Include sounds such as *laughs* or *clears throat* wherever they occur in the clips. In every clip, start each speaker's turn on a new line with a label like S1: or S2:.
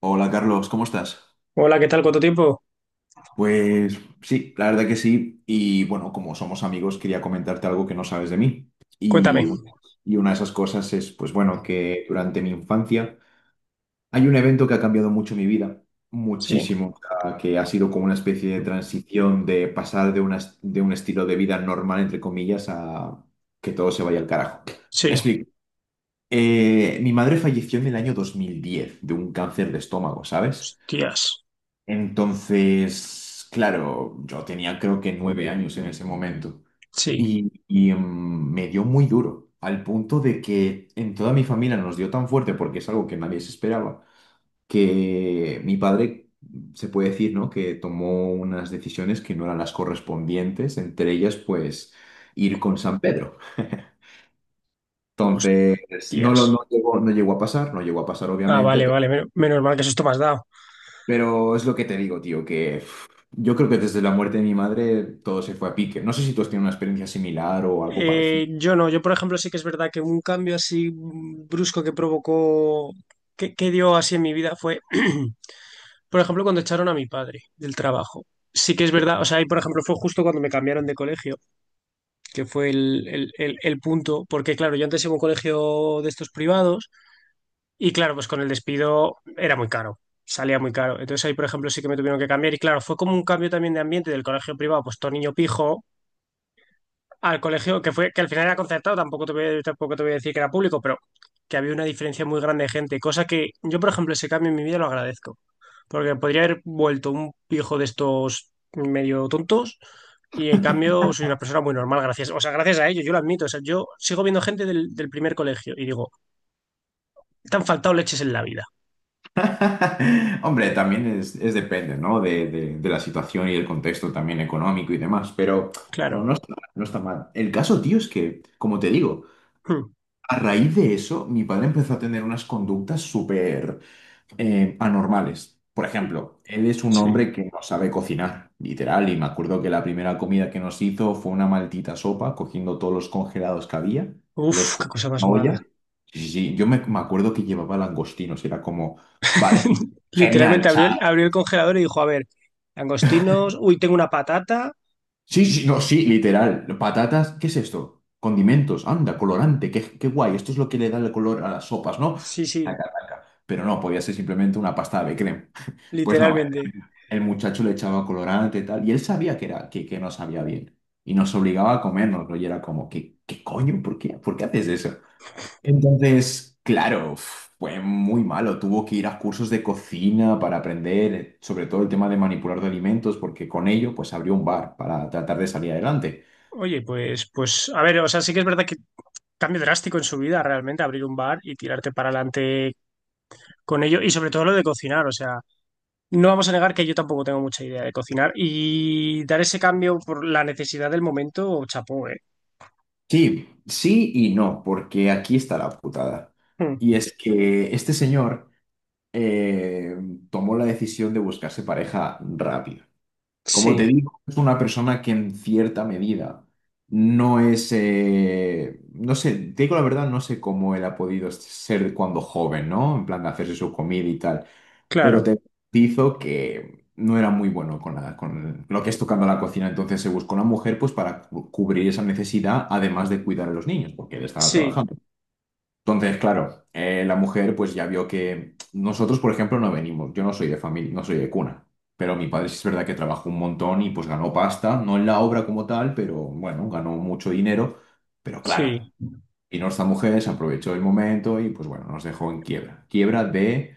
S1: Hola Carlos, ¿cómo estás?
S2: Hola, ¿qué tal? ¿Cuánto tiempo?
S1: Pues sí, la verdad que sí. Y bueno, como somos amigos, quería comentarte algo que no sabes de mí. Y,
S2: Cuéntame.
S1: un- y una de esas cosas es, pues bueno, que durante mi infancia hay un evento que ha cambiado mucho mi vida,
S2: Sí,
S1: muchísimo, o sea, que ha sido como una especie de transición de pasar de, de un estilo de vida normal, entre comillas, a que todo se vaya al carajo. Me
S2: sí.
S1: explico. Mi madre falleció en el año 2010 de un cáncer de estómago, ¿sabes?
S2: Hostias.
S1: Entonces, claro, yo tenía creo que 9 años en ese momento
S2: Sí,
S1: y me dio muy duro, al punto de que en toda mi familia nos dio tan fuerte, porque es algo que nadie se esperaba, que mi padre, se puede decir, ¿no?, que tomó unas decisiones que no eran las correspondientes, entre ellas, pues, ir con San Pedro. Entonces, no,
S2: hostias.
S1: lo, no llegó, no llegó a pasar, no llegó a pasar
S2: Ah,
S1: obviamente.
S2: vale, vale. Menos mal que eso me has dado.
S1: Pero es lo que te digo, tío, que uf, yo creo que desde la muerte de mi madre todo se fue a pique. No sé si tú has tenido una experiencia similar o algo parecido.
S2: Yo no, yo por ejemplo sí que es verdad que un cambio así brusco que provocó, que dio así en mi vida fue, *clears throat* por ejemplo, cuando echaron a mi padre del trabajo. Sí que es
S1: Que-
S2: verdad, o sea, y por ejemplo fue justo cuando me cambiaron de colegio, que fue el punto, porque claro, yo antes iba a un colegio de estos privados. Y claro, pues con el despido era muy caro, salía muy caro. Entonces ahí, por ejemplo, sí que me tuvieron que cambiar. Y claro, fue como un cambio también de ambiente del colegio privado, pues todo niño pijo, al colegio que fue, que al final era concertado, tampoco te voy a decir que era público, pero que había una diferencia muy grande de gente, cosa que yo, por ejemplo, ese cambio en mi vida lo agradezco, porque podría haber vuelto un pijo de estos medio tontos. Y en cambio soy una persona muy normal, gracias. O sea, gracias a ello, yo lo admito. O sea, yo sigo viendo gente del primer colegio y digo, te han faltado leches en la vida.
S1: *laughs* Hombre, también es depende, ¿no? De la situación y el contexto también económico y demás, pero no,
S2: Claro.
S1: no está mal. El caso, tío, es que, como te digo,
S2: Hmm.
S1: a raíz de eso, mi padre empezó a tener unas conductas súper, anormales. Por ejemplo, él es un
S2: Sí.
S1: hombre que no sabe cocinar, literal, y me acuerdo que la primera comida que nos hizo fue una maldita sopa, cogiendo todos los congelados que había,
S2: Uf,
S1: los
S2: qué
S1: ponía en
S2: cosa más
S1: una
S2: mala.
S1: olla. Sí, sí, sí, yo me acuerdo que llevaba langostinos, era como, vale,
S2: *laughs*
S1: genial,
S2: Literalmente
S1: o sea,
S2: abrió el congelador y dijo, a ver, angostinos, uy, tengo una patata.
S1: sí, sí, no, sí, literal, patatas, ¿qué es esto? Condimentos, anda, colorante, qué, guay, esto es lo que le da el color a las sopas, ¿no?
S2: Sí, sí,
S1: Pero no, podía ser simplemente una pasta de crema. Pues no,
S2: literalmente.
S1: el muchacho le echaba colorante y tal, y él sabía que no sabía bien, y nos obligaba a comernos, y era como, ¿qué coño? ¿Por qué? ¿Por qué haces eso? Entonces, claro, fue muy malo, tuvo que ir a cursos de cocina para aprender, sobre todo el tema de manipular de alimentos, porque con ello, pues abrió un bar para tratar de salir adelante.
S2: Oye, pues, pues, a ver, o sea, sí que es verdad que cambio drástico en su vida realmente abrir un bar y tirarte para adelante con ello y sobre todo lo de cocinar, o sea, no vamos a negar que yo tampoco tengo mucha idea de cocinar y dar ese cambio por la necesidad del momento, chapó, ¿eh?
S1: Sí, sí y no, porque aquí está la putada.
S2: Mm.
S1: Y es que este señor eh, tomó la decisión de buscarse pareja rápido. Como te
S2: Sí,
S1: digo, es una persona que en cierta medida no es, no sé, te digo la verdad, no sé cómo él ha podido ser cuando joven, ¿no? En plan de hacerse su comida y tal, pero
S2: claro,
S1: te hizo que no era muy bueno con, con lo que es tocando la cocina, entonces se buscó una mujer pues para cubrir esa necesidad, además de cuidar a los niños, porque él estaba
S2: sí,
S1: trabajando. Entonces, claro, la mujer pues ya vio que nosotros, por ejemplo, no venimos, yo no soy de familia, no soy de cuna, pero mi padre sí es verdad que trabajó un montón y pues ganó pasta, no en la obra como tal, pero bueno, ganó mucho dinero, pero claro,
S2: sí.
S1: y nuestra mujer se aprovechó del momento y pues bueno, nos dejó en quiebra. Quiebra de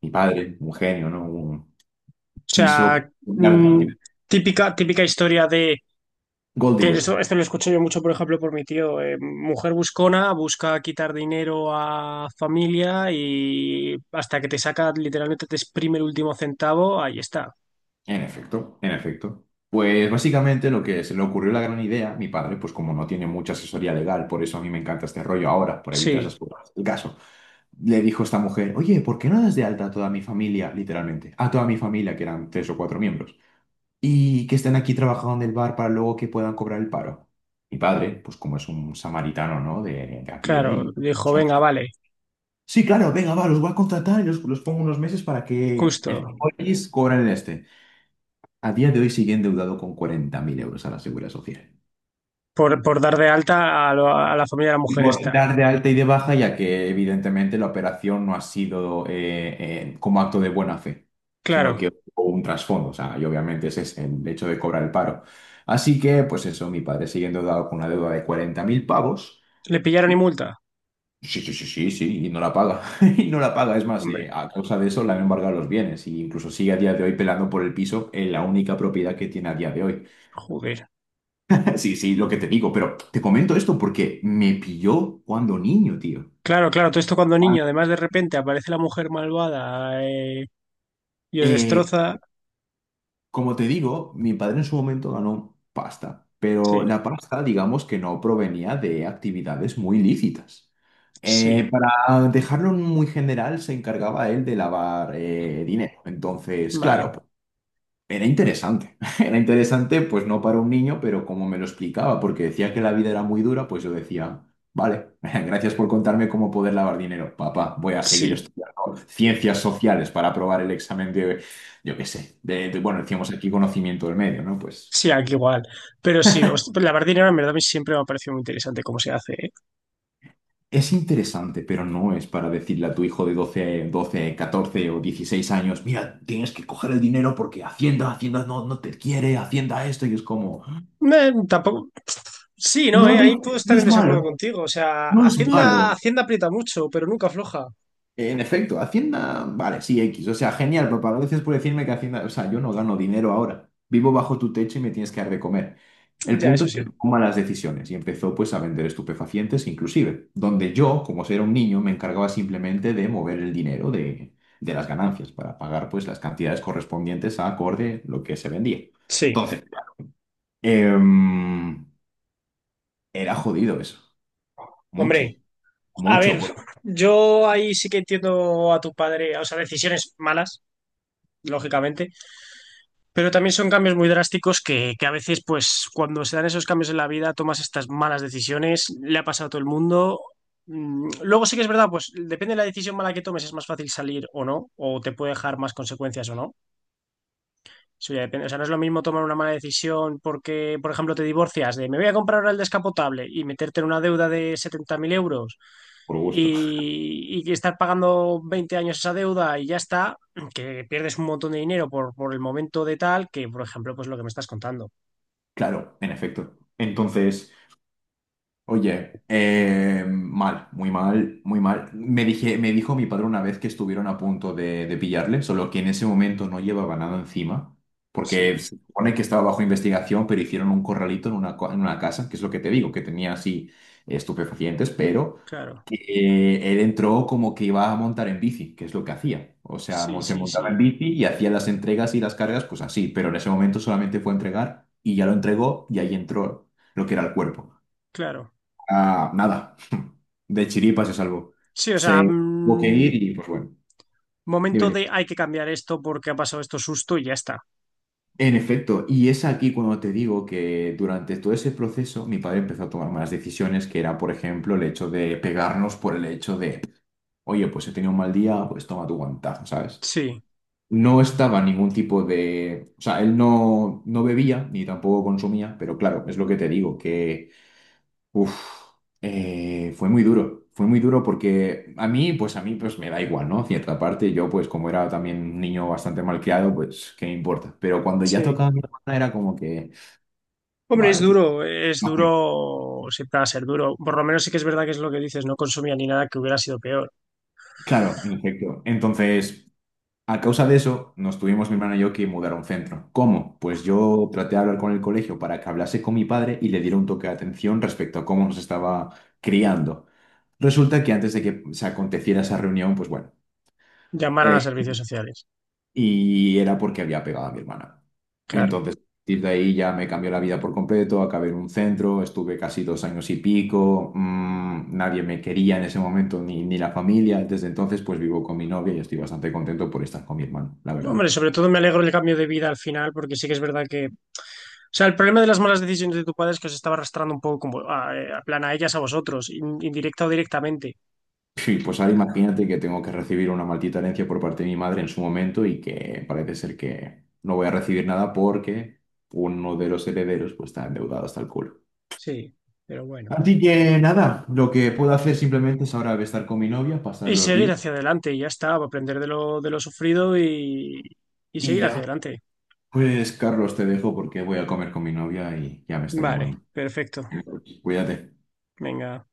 S1: mi padre, un genio, ¿no?
S2: O
S1: Quiso...
S2: sea, mm, típica, típica historia de
S1: Gold
S2: que eso,
S1: digger.
S2: esto lo escucho yo mucho, por ejemplo, por mi tío. Mujer buscona, busca quitar dinero a familia y hasta que te saca, literalmente te exprime el último centavo, ahí está.
S1: En efecto, en efecto. Pues básicamente lo que se le ocurrió la gran idea, mi padre, pues como no tiene mucha asesoría legal, por eso a mí me encanta este rollo ahora, por evitar
S2: Sí,
S1: esas cosas. El caso, le dijo esta mujer, oye, ¿por qué no das de alta a toda mi familia, literalmente? A toda mi familia, que eran tres o cuatro miembros, y que estén aquí trabajando en el bar para luego que puedan cobrar el paro. Mi padre, pues como es un samaritano, ¿no? De a pie
S2: claro.
S1: y.
S2: Dijo, venga, vale,
S1: Sí, claro, venga, va, los voy a contratar y los pongo unos meses para que el
S2: justo.
S1: país cobren el este. A día de hoy sigue endeudado con 40.000 euros a la Seguridad Social.
S2: Por dar de alta a, a la familia de la mujer
S1: Por
S2: esta.
S1: dar de alta y de baja, ya que evidentemente la operación no ha sido como acto de buena fe, sino que
S2: Claro.
S1: hubo un trasfondo, o sea, y obviamente ese es el hecho de cobrar el paro. Así que, pues eso, mi padre sigue endeudado con una deuda de 40.000 pavos.
S2: ¿Le pillaron y
S1: Y,
S2: multa?
S1: sí, sí, sí, sí, sí, y no la paga. *laughs* Y no la paga. Es más,
S2: Hombre,
S1: a causa de eso le han embargado los bienes. Y incluso sigue a día de hoy pelando por el piso en la única propiedad que tiene a día de hoy.
S2: joder.
S1: Sí, sí, lo que te digo, pero te comento esto porque me pilló cuando niño, tío.
S2: Claro, claro, todo esto cuando
S1: Juan.
S2: niño, además de repente aparece la mujer malvada, y os
S1: Eh,
S2: destroza.
S1: como te digo, mi padre en su momento ganó pasta, pero
S2: Sí.
S1: la pasta, digamos que no provenía de actividades muy lícitas. Eh,
S2: Sí,
S1: para dejarlo muy general, se encargaba él de lavar dinero. Entonces, claro,
S2: vale.
S1: era interesante, *laughs* era interesante, pues no para un niño, pero como me lo explicaba, porque decía que la vida era muy dura, pues yo decía, vale, *laughs* gracias por contarme cómo poder lavar dinero, papá, voy a seguir
S2: Sí,
S1: estudiando ciencias sociales para aprobar el examen de, yo qué sé, de, bueno, decíamos aquí conocimiento del medio, ¿no? Pues
S2: sí, aquí igual. Pero sí, lavar dinero en verdad a mí siempre me ha parecido muy interesante cómo se hace, ¿eh?
S1: es interesante, pero no es para decirle a tu hijo de doce 14 o 16 años, mira, tienes que coger el dinero porque Hacienda no, no te quiere, Hacienda esto, y es como.
S2: Tampoco. Sí, no,
S1: No
S2: ahí puedo
S1: dice,
S2: estar
S1: no
S2: en
S1: es
S2: desacuerdo
S1: malo.
S2: contigo. O sea,
S1: No es
S2: Hacienda,
S1: malo.
S2: Hacienda aprieta mucho, pero nunca afloja.
S1: En efecto, Hacienda, vale, sí, X. O sea, genial, papá. Gracias por decirme que Hacienda, o sea, yo no gano dinero ahora. Vivo bajo tu techo y me tienes que dar de comer. El
S2: Ya,
S1: punto
S2: eso
S1: es que
S2: sí.
S1: tomó malas decisiones y empezó pues a vender estupefacientes inclusive, donde yo, como era un niño, me encargaba simplemente de mover el dinero de las ganancias para pagar pues las cantidades correspondientes a acorde lo que se vendía.
S2: Sí.
S1: Entonces, em, era jodido eso. Mucho,
S2: Hombre, a
S1: mucho
S2: ver, yo ahí sí que entiendo a tu padre, o sea, decisiones malas, lógicamente, pero también son cambios muy drásticos que a veces, pues, cuando se dan esos cambios en la vida, tomas estas malas decisiones, le ha pasado a todo el mundo. Mm, luego sí que es verdad, pues depende de la decisión mala que tomes, es más fácil salir o no, o te puede dejar más consecuencias o no. Eso ya depende. O sea, no es lo mismo tomar una mala decisión porque, por ejemplo, te divorcias de me voy a comprar ahora el descapotable y meterte en una deuda de 70.000 euros
S1: por gusto.
S2: y estar pagando 20 años esa deuda y ya está, que pierdes un montón de dinero por el momento de tal que, por ejemplo, pues lo que me estás contando.
S1: Claro, en efecto. Entonces, oye, mal, muy mal, muy mal. Me dijo mi padre una vez que estuvieron a punto de pillarle, solo que en ese momento no llevaba nada encima,
S2: Sí,
S1: porque se supone que estaba bajo investigación, pero hicieron un corralito en una casa, que es lo que te digo, que tenía así estupefacientes, pero
S2: claro.
S1: que él entró como que iba a montar en bici, que es lo que hacía. O sea,
S2: Sí,
S1: se
S2: sí,
S1: montaba en
S2: sí,
S1: bici y hacía las entregas y las cargas, pues así, pero en ese momento solamente fue a entregar y ya lo entregó y ahí entró lo que era el cuerpo.
S2: claro.
S1: Ah, nada. *laughs* De chiripa se salvó.
S2: Sí, o sea,
S1: Se tuvo que
S2: mm,
S1: ir y pues bueno, dime,
S2: momento
S1: dime.
S2: de hay que cambiar esto porque ha pasado esto susto y ya está.
S1: En efecto, y es aquí cuando te digo que durante todo ese proceso mi padre empezó a tomar malas decisiones, que era, por ejemplo, el hecho de pegarnos por el hecho de, oye, pues he tenido un mal día, pues toma tu guantazo, ¿sabes?
S2: Sí,
S1: No estaba ningún tipo de. O sea, él no, no bebía ni tampoco consumía, pero claro, es lo que te digo, que uf, fue muy duro porque a mí, pues me da igual, ¿no? Cierta parte, yo pues como era también un niño bastante malcriado, pues qué me importa. Pero cuando ya
S2: sí.
S1: tocaba a mi hermana era como que,
S2: Hombre,
S1: vale, tío.
S2: es
S1: No quiero.
S2: duro, siempre va a ser duro. Por lo menos sí que es verdad que es lo que dices, no consumía ni nada que hubiera sido peor.
S1: Claro, en efecto. Entonces, a causa de eso, nos tuvimos mi hermana y yo que mudar a un centro. ¿Cómo? Pues yo traté de hablar con el colegio para que hablase con mi padre y le diera un toque de atención respecto a cómo nos estaba criando. Resulta que antes de que se aconteciera esa reunión, pues bueno.
S2: Llamaron a
S1: eh,
S2: servicios sociales,
S1: y era porque había pegado a mi hermana.
S2: claro.
S1: Entonces, a partir de ahí ya me cambió la vida por completo, acabé en un centro, estuve casi 2 años y pico, nadie me quería en ese momento, ni la familia. Desde entonces, pues vivo con mi novia y estoy bastante contento por estar con mi hermano, la verdad.
S2: Hombre, sobre todo me alegro del cambio de vida al final, porque sí que es verdad que... O sea, el problema de las malas decisiones de tu padre es que os estaba arrastrando un poco como a plan a ellas, a vosotros, indirecta o directamente.
S1: Y pues ahora imagínate que tengo que recibir una maldita herencia por parte de mi madre en su momento y que parece ser que no voy a recibir nada porque uno de los herederos pues está endeudado hasta el culo.
S2: Sí, pero bueno.
S1: Así que nada, lo que puedo hacer simplemente es ahora estar con mi novia, pasar
S2: Y
S1: los
S2: seguir
S1: días
S2: hacia adelante, y ya está, aprender de lo sufrido y
S1: y
S2: seguir hacia
S1: ya.
S2: adelante.
S1: Pues Carlos, te dejo porque voy a comer con mi novia y ya me está
S2: Vale,
S1: llamando.
S2: perfecto.
S1: Cuídate.
S2: Venga.